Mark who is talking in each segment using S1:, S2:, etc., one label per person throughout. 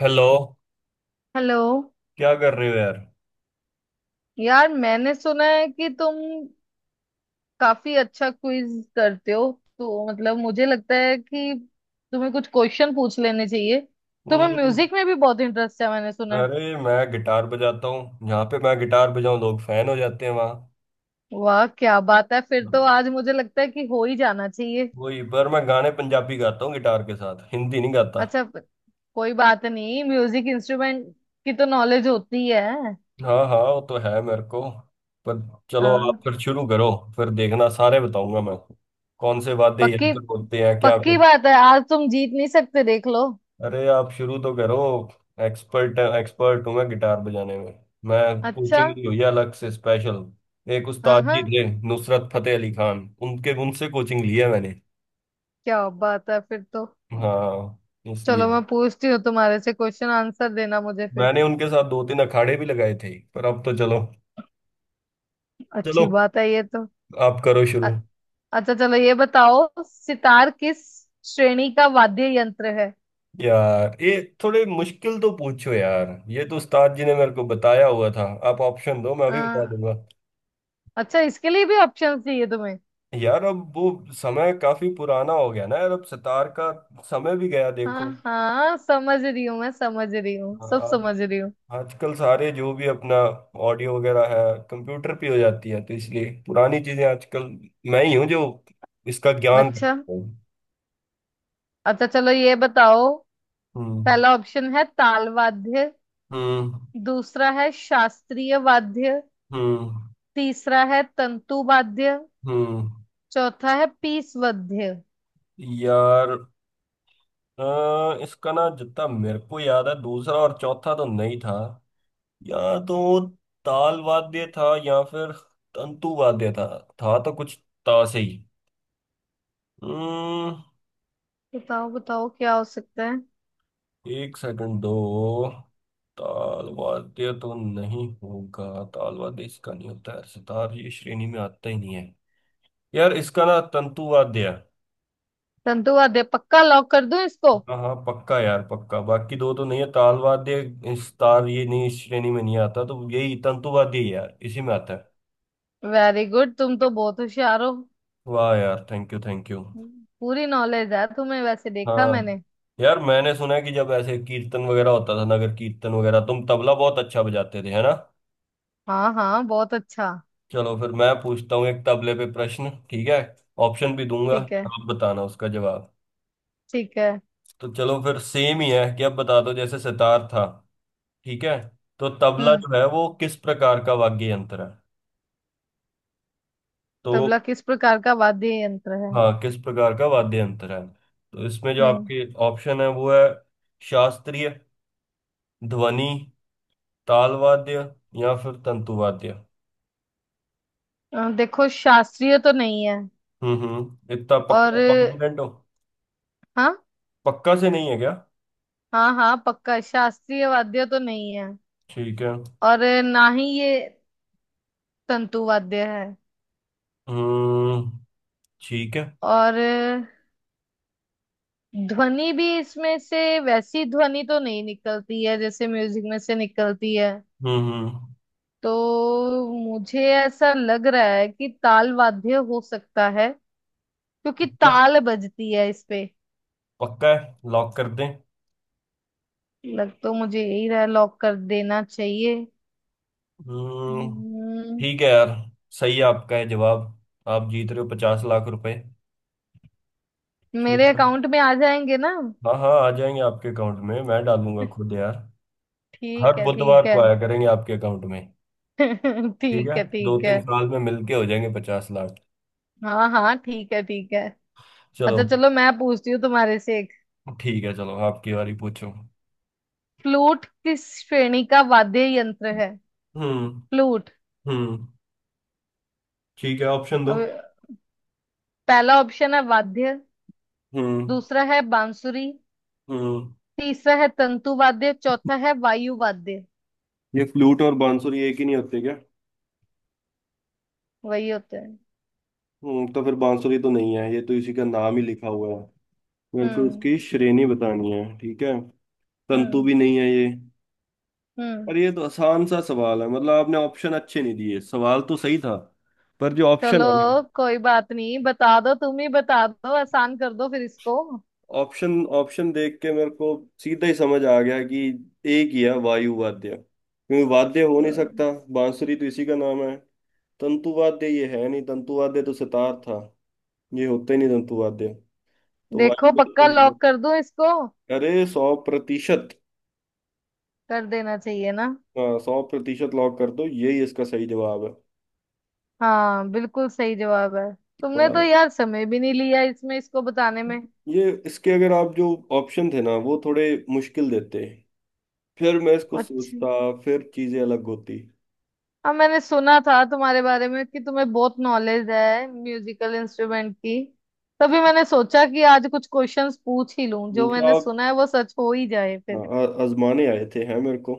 S1: Hello.
S2: Hello.
S1: क्या कर रहे हो यार।
S2: यार मैंने सुना है कि तुम काफी अच्छा क्विज करते हो। तो मतलब मुझे लगता है कि तुम्हें कुछ क्वेश्चन पूछ लेने चाहिए। तुम्हें
S1: हम्म,
S2: म्यूजिक में भी बहुत इंटरेस्ट है मैंने सुना है।
S1: अरे मैं गिटार बजाता हूँ। जहाँ पे मैं गिटार बजाऊँ, लोग फैन हो जाते हैं वहाँ।
S2: वाह क्या बात है, फिर तो आज मुझे लगता है कि हो ही जाना चाहिए।
S1: वही पर मैं गाने पंजाबी गाता हूँ गिटार के साथ, हिंदी नहीं गाता।
S2: अच्छा, कोई बात नहीं, म्यूजिक इंस्ट्रूमेंट की तो नॉलेज होती है।
S1: हाँ हाँ, वो तो है मेरे को। पर चलो, आप
S2: हाँ।
S1: फिर शुरू करो। फिर देखना सारे बताऊंगा मैं, कौन से वाद्य
S2: पक्की
S1: यंत्र बोलते हैं क्या।
S2: पक्की बात है, आज तुम जीत नहीं सकते, देख लो।
S1: अरे आप शुरू तो करो। एक्सपर्ट एक्सपर्ट हूँ मैं गिटार बजाने में। मैं
S2: अच्छा।
S1: कोचिंग ली हुई है अलग से स्पेशल। एक
S2: हाँ
S1: उस्ताद
S2: हाँ,
S1: जी थे नुसरत फतेह अली खान, उनके उनसे कोचिंग ली है मैंने।
S2: क्या बात है फिर तो।
S1: हाँ, इसलिए।
S2: चलो मैं पूछती हूँ तुम्हारे से क्वेश्चन, आंसर देना मुझे फिर।
S1: मैंने उनके साथ दो तीन अखाड़े भी लगाए थे, पर अब तो चलो। चलो
S2: अच्छी बात है ये तो।
S1: आप करो शुरू।
S2: अ- अच्छा चलो ये बताओ, सितार किस श्रेणी का वाद्य यंत्र है।
S1: यार, ये थोड़े मुश्किल तो पूछो यार। ये तो उस्ताद जी ने मेरे को बताया हुआ था। आप ऑप्शन दो, मैं
S2: अ,
S1: भी बता दूंगा।
S2: अच्छा, इसके लिए भी ऑप्शन चाहिए तुम्हें।
S1: यार अब वो समय काफी पुराना हो गया ना यार। अब सितार का समय भी गया,
S2: हाँ
S1: देखो।
S2: हाँ, समझ रही हूँ मैं, समझ रही हूँ,
S1: हाँ,
S2: सब
S1: आप
S2: समझ रही हूँ।
S1: आजकल सारे जो भी अपना ऑडियो वगैरह है, कंप्यूटर पे हो जाती है। तो इसलिए पुरानी चीजें आजकल मैं ही हूँ जो इसका ज्ञान
S2: अच्छा।
S1: रखता हूँ।
S2: अच्छा चलो ये बताओ।
S1: हम्म।
S2: पहला ऑप्शन है ताल वाद्य।
S1: हम्म।
S2: दूसरा है शास्त्रीय वाद्य।
S1: हम्म।
S2: तीसरा है तंतु वाद्य।
S1: हम्म।
S2: चौथा है पीस वाद्य।
S1: यार इसका ना, जितना मेरे को याद है, दूसरा और चौथा तो नहीं था। या तो ताल वाद्य था, या फिर तंतु वाद्य था। था तो कुछ ता से ही। हम्म।
S2: बताओ बताओ क्या हो सकता है।
S1: 1 सेकंड दो। ताल वाद्य तो नहीं होगा। ताल वाद्य इसका नहीं होता है, सितार ये श्रेणी में आता ही नहीं है। यार इसका ना तंतु वाद्य है।
S2: संतुवाद्य पक्का लॉक कर दूं इसको।
S1: हाँ हाँ पक्का यार, पक्का। बाकी दो तो नहीं है। ताल वाद्य, इस तार ये नहीं, इस श्रेणी में नहीं आता। तो यही तंतु वाद्य ही है यार, इसी में आता है।
S2: वेरी गुड, तुम तो बहुत होशियार हो।
S1: वाह यार, थैंक यू थैंक यू।
S2: पूरी नॉलेज है तुम्हें वैसे, देखा
S1: हाँ
S2: मैंने।
S1: यार, मैंने सुना है कि जब ऐसे कीर्तन वगैरह होता था, नगर कीर्तन वगैरह, तुम तबला बहुत अच्छा बजाते थे है ना।
S2: हाँ हाँ बहुत अच्छा।
S1: चलो फिर मैं पूछता हूँ एक तबले पे प्रश्न, ठीक है। ऑप्शन भी दूंगा,
S2: ठीक है
S1: आप बताना उसका जवाब।
S2: ठीक है।
S1: तो चलो, फिर सेम ही है कि अब बता दो जैसे सितार था। ठीक है। तो तबला
S2: हम्म।
S1: जो है वो किस प्रकार का वाद्य यंत्र है। तो
S2: तबला किस प्रकार का वाद्य यंत्र है।
S1: हाँ, किस प्रकार का वाद्य यंत्र है, तो इसमें जो
S2: हम्म।
S1: आपके ऑप्शन है वो है शास्त्रीय, ध्वनि, ताल वाद्य, या फिर तंतु वाद्य।
S2: देखो शास्त्रीय तो नहीं है।
S1: हम्म, इतना
S2: और
S1: पक्का कॉन्फिडेंट हो।
S2: हाँ।
S1: पक्का से नहीं है क्या।
S2: हाँ हाँ पक्का, शास्त्रीय वाद्य तो नहीं है।
S1: ठीक है।
S2: और ना ही ये तंतु वाद्य है।
S1: हम्म। ठीक है।
S2: और ध्वनि भी इसमें से, वैसी ध्वनि तो नहीं निकलती है जैसे म्यूजिक में से निकलती है।
S1: हम्म,
S2: तो मुझे ऐसा लग रहा है कि ताल वाद्य हो सकता है, क्योंकि
S1: पक्का।
S2: ताल बजती है इस पे।
S1: पक्का है, लॉक कर दें।
S2: लग तो मुझे यही रहा, लॉक कर देना चाहिए।
S1: हम्म।
S2: हम्म,
S1: ठीक है यार, सही है आपका है जवाब। आप जीत रहे हो 50 लाख रुपए, ठीक
S2: मेरे
S1: है।
S2: अकाउंट में आ जाएंगे ना।
S1: हाँ हाँ, आ जाएंगे आपके अकाउंट में, मैं डालूंगा खुद यार।
S2: ठीक
S1: हर
S2: है ठीक
S1: बुधवार
S2: है।
S1: को आया करेंगे आपके अकाउंट में। ठीक है,
S2: ठीक है
S1: दो
S2: ठीक है।
S1: तीन साल में मिलके हो जाएंगे 50 लाख।
S2: हाँ हाँ ठीक है ठीक है। अच्छा
S1: चलो
S2: चलो मैं पूछती हूँ तुम्हारे से एक।
S1: ठीक है, चलो आपकी बारी पूछो।
S2: फ्लूट किस श्रेणी का वाद्य यंत्र है।
S1: हम्म।
S2: फ्लूट।
S1: हम्म। ठीक है, ऑप्शन दो।
S2: अब, पहला ऑप्शन है वाद्य।
S1: हम्म।
S2: दूसरा है बांसुरी।
S1: हम्म।
S2: तीसरा है तंतु वाद्य, चौथा है वायु वाद्य।
S1: ये फ्लूट और बांसुरी एक ही नहीं होते क्या।
S2: वही होते हैं।
S1: हम्म, तो फिर बांसुरी तो नहीं है, ये तो इसी का नाम ही लिखा हुआ है। मेरे को
S2: हम्म
S1: उसकी श्रेणी बतानी है, ठीक है। तंतु
S2: हम्म
S1: भी नहीं है ये।
S2: हम्म।
S1: और ये तो आसान सा सवाल है, मतलब आपने ऑप्शन अच्छे नहीं दिए, सवाल तो सही था। पर जो ऑप्शन
S2: चलो
S1: है ना,
S2: कोई बात नहीं, बता दो, तुम ही बता दो, आसान कर दो फिर इसको।
S1: ऑप्शन ऑप्शन देख के मेरे को सीधा ही समझ आ गया कि एक ही है वायु वाद्य। क्योंकि वाद्य हो नहीं
S2: हम्म,
S1: सकता, बांसुरी तो इसी का नाम है, तंतु वाद्य ये है नहीं। तंतु वाद्य तो सितार था, ये होता ही नहीं तंतु वाद्य। तो भाई
S2: देखो
S1: बोलते
S2: पक्का
S1: हैं,
S2: लॉक कर दूं इसको।
S1: अरे 100%।
S2: कर देना चाहिए ना।
S1: हाँ सौ प्रतिशत, लॉक कर दो यही इसका सही जवाब है।
S2: हाँ बिल्कुल सही जवाब है। तुमने तो
S1: पर
S2: यार समय भी नहीं लिया इसमें, इसको बताने में।
S1: ये, इसके अगर आप जो ऑप्शन थे ना, वो थोड़े मुश्किल देते, फिर मैं इसको
S2: अच्छा।
S1: सोचता, फिर चीजें अलग होती।
S2: हाँ मैंने सुना था तुम्हारे बारे में कि तुम्हें बहुत नॉलेज है म्यूजिकल इंस्ट्रूमेंट की। तभी मैंने सोचा कि आज कुछ क्वेश्चंस पूछ ही लूं, जो
S1: उनका
S2: मैंने
S1: आप,
S2: सुना है वो सच हो ही जाए
S1: हाँ,
S2: फिर।
S1: आजमाने आए थे हैं मेरे को।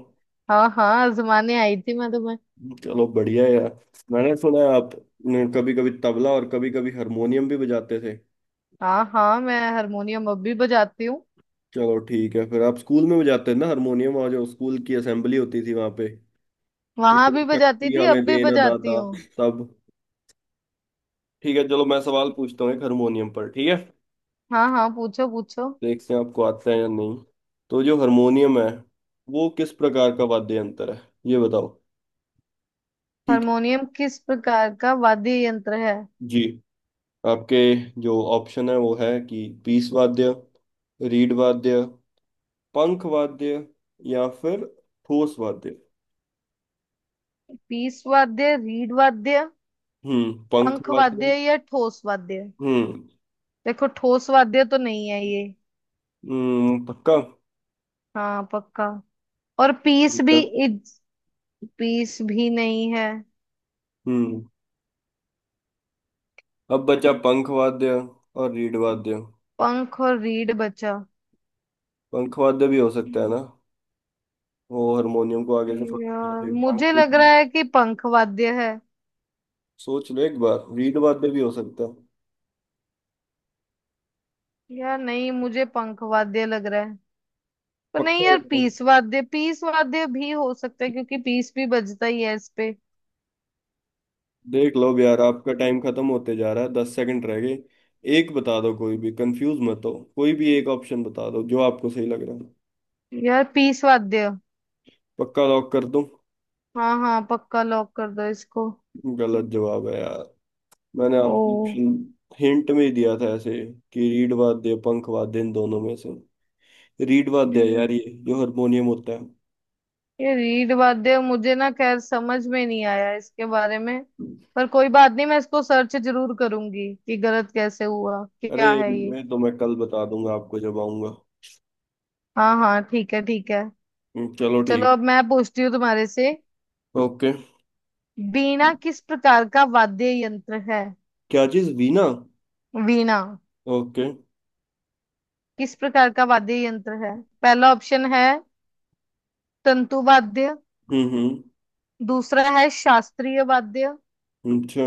S2: हाँ हाँ आजमाने आई थी मैं तुम्हें।
S1: चलो बढ़िया है यार। मैंने सुना है आप कभी कभी तबला और कभी कभी हारमोनियम भी बजाते थे।
S2: हाँ हाँ मैं हारमोनियम अब भी बजाती हूँ।
S1: चलो ठीक है, फिर आप स्कूल में बजाते थे ना हारमोनियम, और जो स्कूल की असेंबली होती थी वहां पे कि
S2: वहां
S1: तू
S2: भी बजाती
S1: शक्ति
S2: थी,
S1: हमें
S2: अब भी
S1: देना
S2: बजाती
S1: दाता,
S2: हूँ।
S1: सब। ठीक है, चलो मैं सवाल पूछता हूँ एक हारमोनियम पर, ठीक है।
S2: हाँ हाँ पूछो पूछो।
S1: देखते हैं आपको आता है या नहीं। तो जो हारमोनियम है, वो किस प्रकार का वाद्य यंत्र है, ये बताओ। ठीक है
S2: हारमोनियम किस प्रकार का वाद्य यंत्र है।
S1: जी, आपके जो ऑप्शन है वो है कि पीस वाद्य, रीड वाद्य, पंख वाद्य, या फिर ठोस वाद्य।
S2: पीस वाद्य, रीड वाद्य,
S1: हम्म, पंख
S2: पंख वाद्य
S1: वाद्य।
S2: या ठोस वाद्य।
S1: हम्म
S2: देखो ठोस वाद्य तो नहीं है ये।
S1: पक्का।
S2: हाँ पक्का। और पीस
S1: ठीक
S2: भी,
S1: है।
S2: इज, पीस भी नहीं है।
S1: हम्म। अब बचा पंख वाद्य और रीड वाद्य।
S2: पंख और रीढ़ बचा।
S1: पंखवाद्य भी हो सकता है ना, वो हारमोनियम को आगे से पकड़ लिया
S2: यार
S1: फिर पंख।
S2: मुझे लग रहा है कि पंख वाद्य है।
S1: सोच लो एक बार, रीड वाद्य भी हो सकता है।
S2: यार नहीं, मुझे पंख वाद्य लग रहा है। पर नहीं
S1: पक्का
S2: यार,
S1: बताओ।
S2: पीस वाद्य, पीस वाद्य भी हो सकता है क्योंकि पीस भी बजता ही है इस पे।
S1: देख लो अब यार, आपका टाइम खत्म होते जा रहा है, 10 सेकंड रह गए। एक बता दो, कोई भी कंफ्यूज मत हो, कोई भी एक ऑप्शन बता दो जो आपको सही लग रहा है।
S2: यार पीस वाद्य।
S1: पक्का लॉक कर दूं।
S2: हाँ हाँ पक्का लॉक कर दो इसको।
S1: गलत जवाब है यार। मैंने
S2: ओ।
S1: आपको ऑप्शन हिंट में ही दिया था ऐसे, कि रीड वाद्य पंख वाद्य इन दोनों में से रीड वाद्य है यार, ये जो हारमोनियम होता
S2: ये रीढ़ वाद्य मुझे ना खैर समझ में नहीं आया इसके बारे में।
S1: है।
S2: पर कोई बात नहीं, मैं इसको सर्च जरूर करूंगी कि गलत कैसे हुआ,
S1: अरे,
S2: क्या है ये।
S1: मैं तो मैं कल बता दूंगा आपको जब आऊंगा।
S2: हाँ हाँ ठीक है ठीक है।
S1: चलो ठीक
S2: चलो
S1: है।
S2: अब मैं पूछती हूँ तुम्हारे से।
S1: ओके।
S2: वीणा किस प्रकार का वाद्य यंत्र है।
S1: क्या चीज वीणा।
S2: वीणा
S1: ओके।
S2: किस प्रकार का वाद्य यंत्र है। पहला ऑप्शन है तंतु वाद्य।
S1: हम्म।
S2: दूसरा है शास्त्रीय वाद्य।
S1: अच्छा।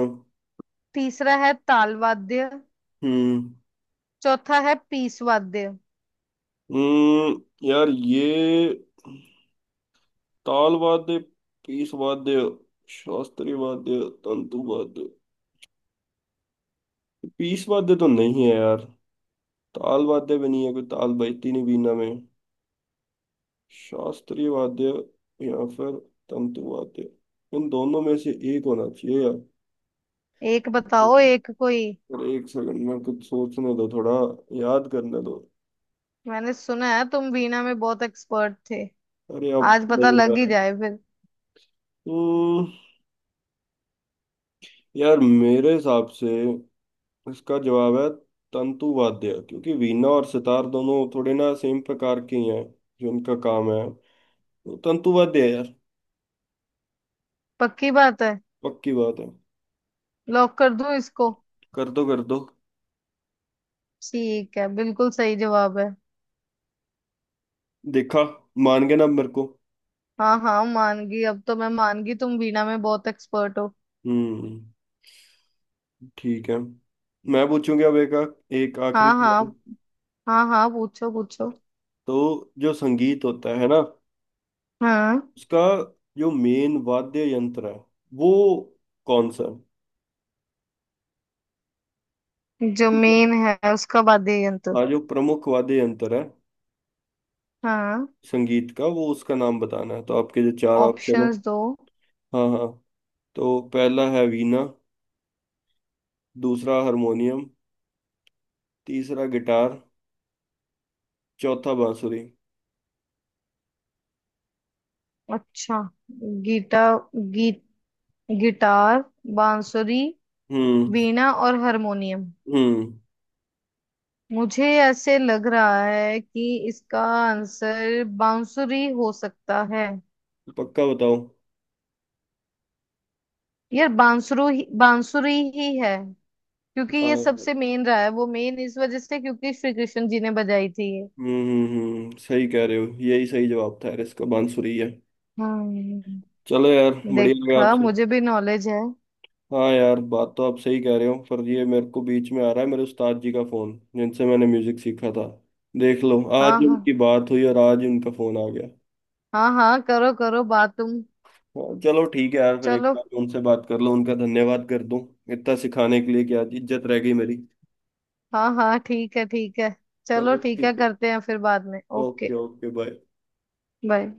S2: तीसरा है ताल वाद्य।
S1: हम्म।
S2: चौथा है पीस वाद्य।
S1: हम्म। यार ये ताल वाद्य, पीस वाद्य, शास्त्रीय वाद्य, तंतु वाद्य। पीस वाद्य तो नहीं है यार, ताल वाद्य भी नहीं है, कोई ताल बजती नहीं वीणा में। शास्त्रीय वाद्य या फिर तंतु वाद्य, इन दोनों में से एक होना चाहिए।
S2: एक बताओ, एक
S1: यार,
S2: कोई।
S1: अरे 1 सेकंड, मैं कुछ सोचने दो थोड़ा, याद करने दो।
S2: मैंने सुना है तुम वीणा में बहुत एक्सपर्ट थे,
S1: अरे अब
S2: आज पता
S1: नहीं आ
S2: लग ही
S1: रहा है।
S2: जाए फिर।
S1: हम्म, यार मेरे हिसाब से इसका जवाब है तंतु वाद्य, क्योंकि वीणा और सितार दोनों थोड़े ना सेम प्रकार के ही हैं, जो उनका काम है। तो तंतु वाद्य है यार।
S2: पक्की बात है,
S1: पक्की बात है।
S2: लॉक कर दूं इसको।
S1: कर दो कर दो।
S2: ठीक है बिल्कुल सही जवाब है।
S1: देखा, मान गए ना आप मेरे को।
S2: हाँ हाँ मान गई, अब तो मैं मान गई, तुम वीणा में बहुत एक्सपर्ट हो।
S1: हम्म। ठीक है, मैं पूछूंगा अब एक, एक आखिरी
S2: हाँ
S1: सवाल।
S2: हाँ। हाँ हाँ पूछो पूछो।
S1: तो जो संगीत होता है ना,
S2: हाँ,
S1: उसका जो मेन वाद्य यंत्र है वो कौन सा है।
S2: जो
S1: ठीक है।
S2: मेन है उसका वाद्य यंत्र।
S1: हाँ, जो प्रमुख वाद्य यंत्र है
S2: हाँ।
S1: संगीत का, वो उसका नाम बताना है। तो आपके जो चार ऑप्शन है,
S2: ऑप्शंस दो।
S1: हाँ हाँ, तो पहला है वीणा, दूसरा हारमोनियम, तीसरा गिटार, चौथा बांसुरी।
S2: अच्छा। गीटा गी, गिटार, बांसुरी,
S1: हम्म।
S2: वीणा और हारमोनियम।
S1: हम्म।
S2: मुझे ऐसे लग रहा है कि इसका आंसर बांसुरी हो सकता है।
S1: पक्का बताओ।
S2: यार बांसुरु ही बांसुरी ही है। क्योंकि
S1: हाँ। हम्म।
S2: ये सबसे मेन रहा है, वो मेन इस वजह से क्योंकि श्री कृष्ण जी ने बजाई थी ये।
S1: हम्म। सही कह रहे हो, यही सही जवाब था यार, इसका बांसुरी है।
S2: हम्म।
S1: चलो यार, बढ़िया लगा
S2: देखा,
S1: आपसे।
S2: मुझे भी नॉलेज है।
S1: हाँ यार, बात तो आप सही कह रहे हो, पर ये मेरे को बीच में आ रहा है मेरे उस्ताद जी का फोन, जिनसे मैंने म्यूजिक सीखा था। देख लो, आज
S2: हाँ
S1: ही
S2: हाँ।
S1: उनकी बात हुई और आज ही उनका फोन आ गया।
S2: हाँ हाँ करो करो बात तुम।
S1: हाँ, चलो ठीक है यार, फिर एक
S2: चलो।
S1: बार उनसे बात कर लो, उनका धन्यवाद कर दूं इतना सिखाने के लिए, कि आज इज्जत रह गई मेरी।
S2: हाँ हाँ ठीक है ठीक है। चलो
S1: चलो
S2: ठीक है
S1: ठीक है।
S2: करते हैं फिर बाद में। Okay
S1: okay okay, bye.
S2: Bye.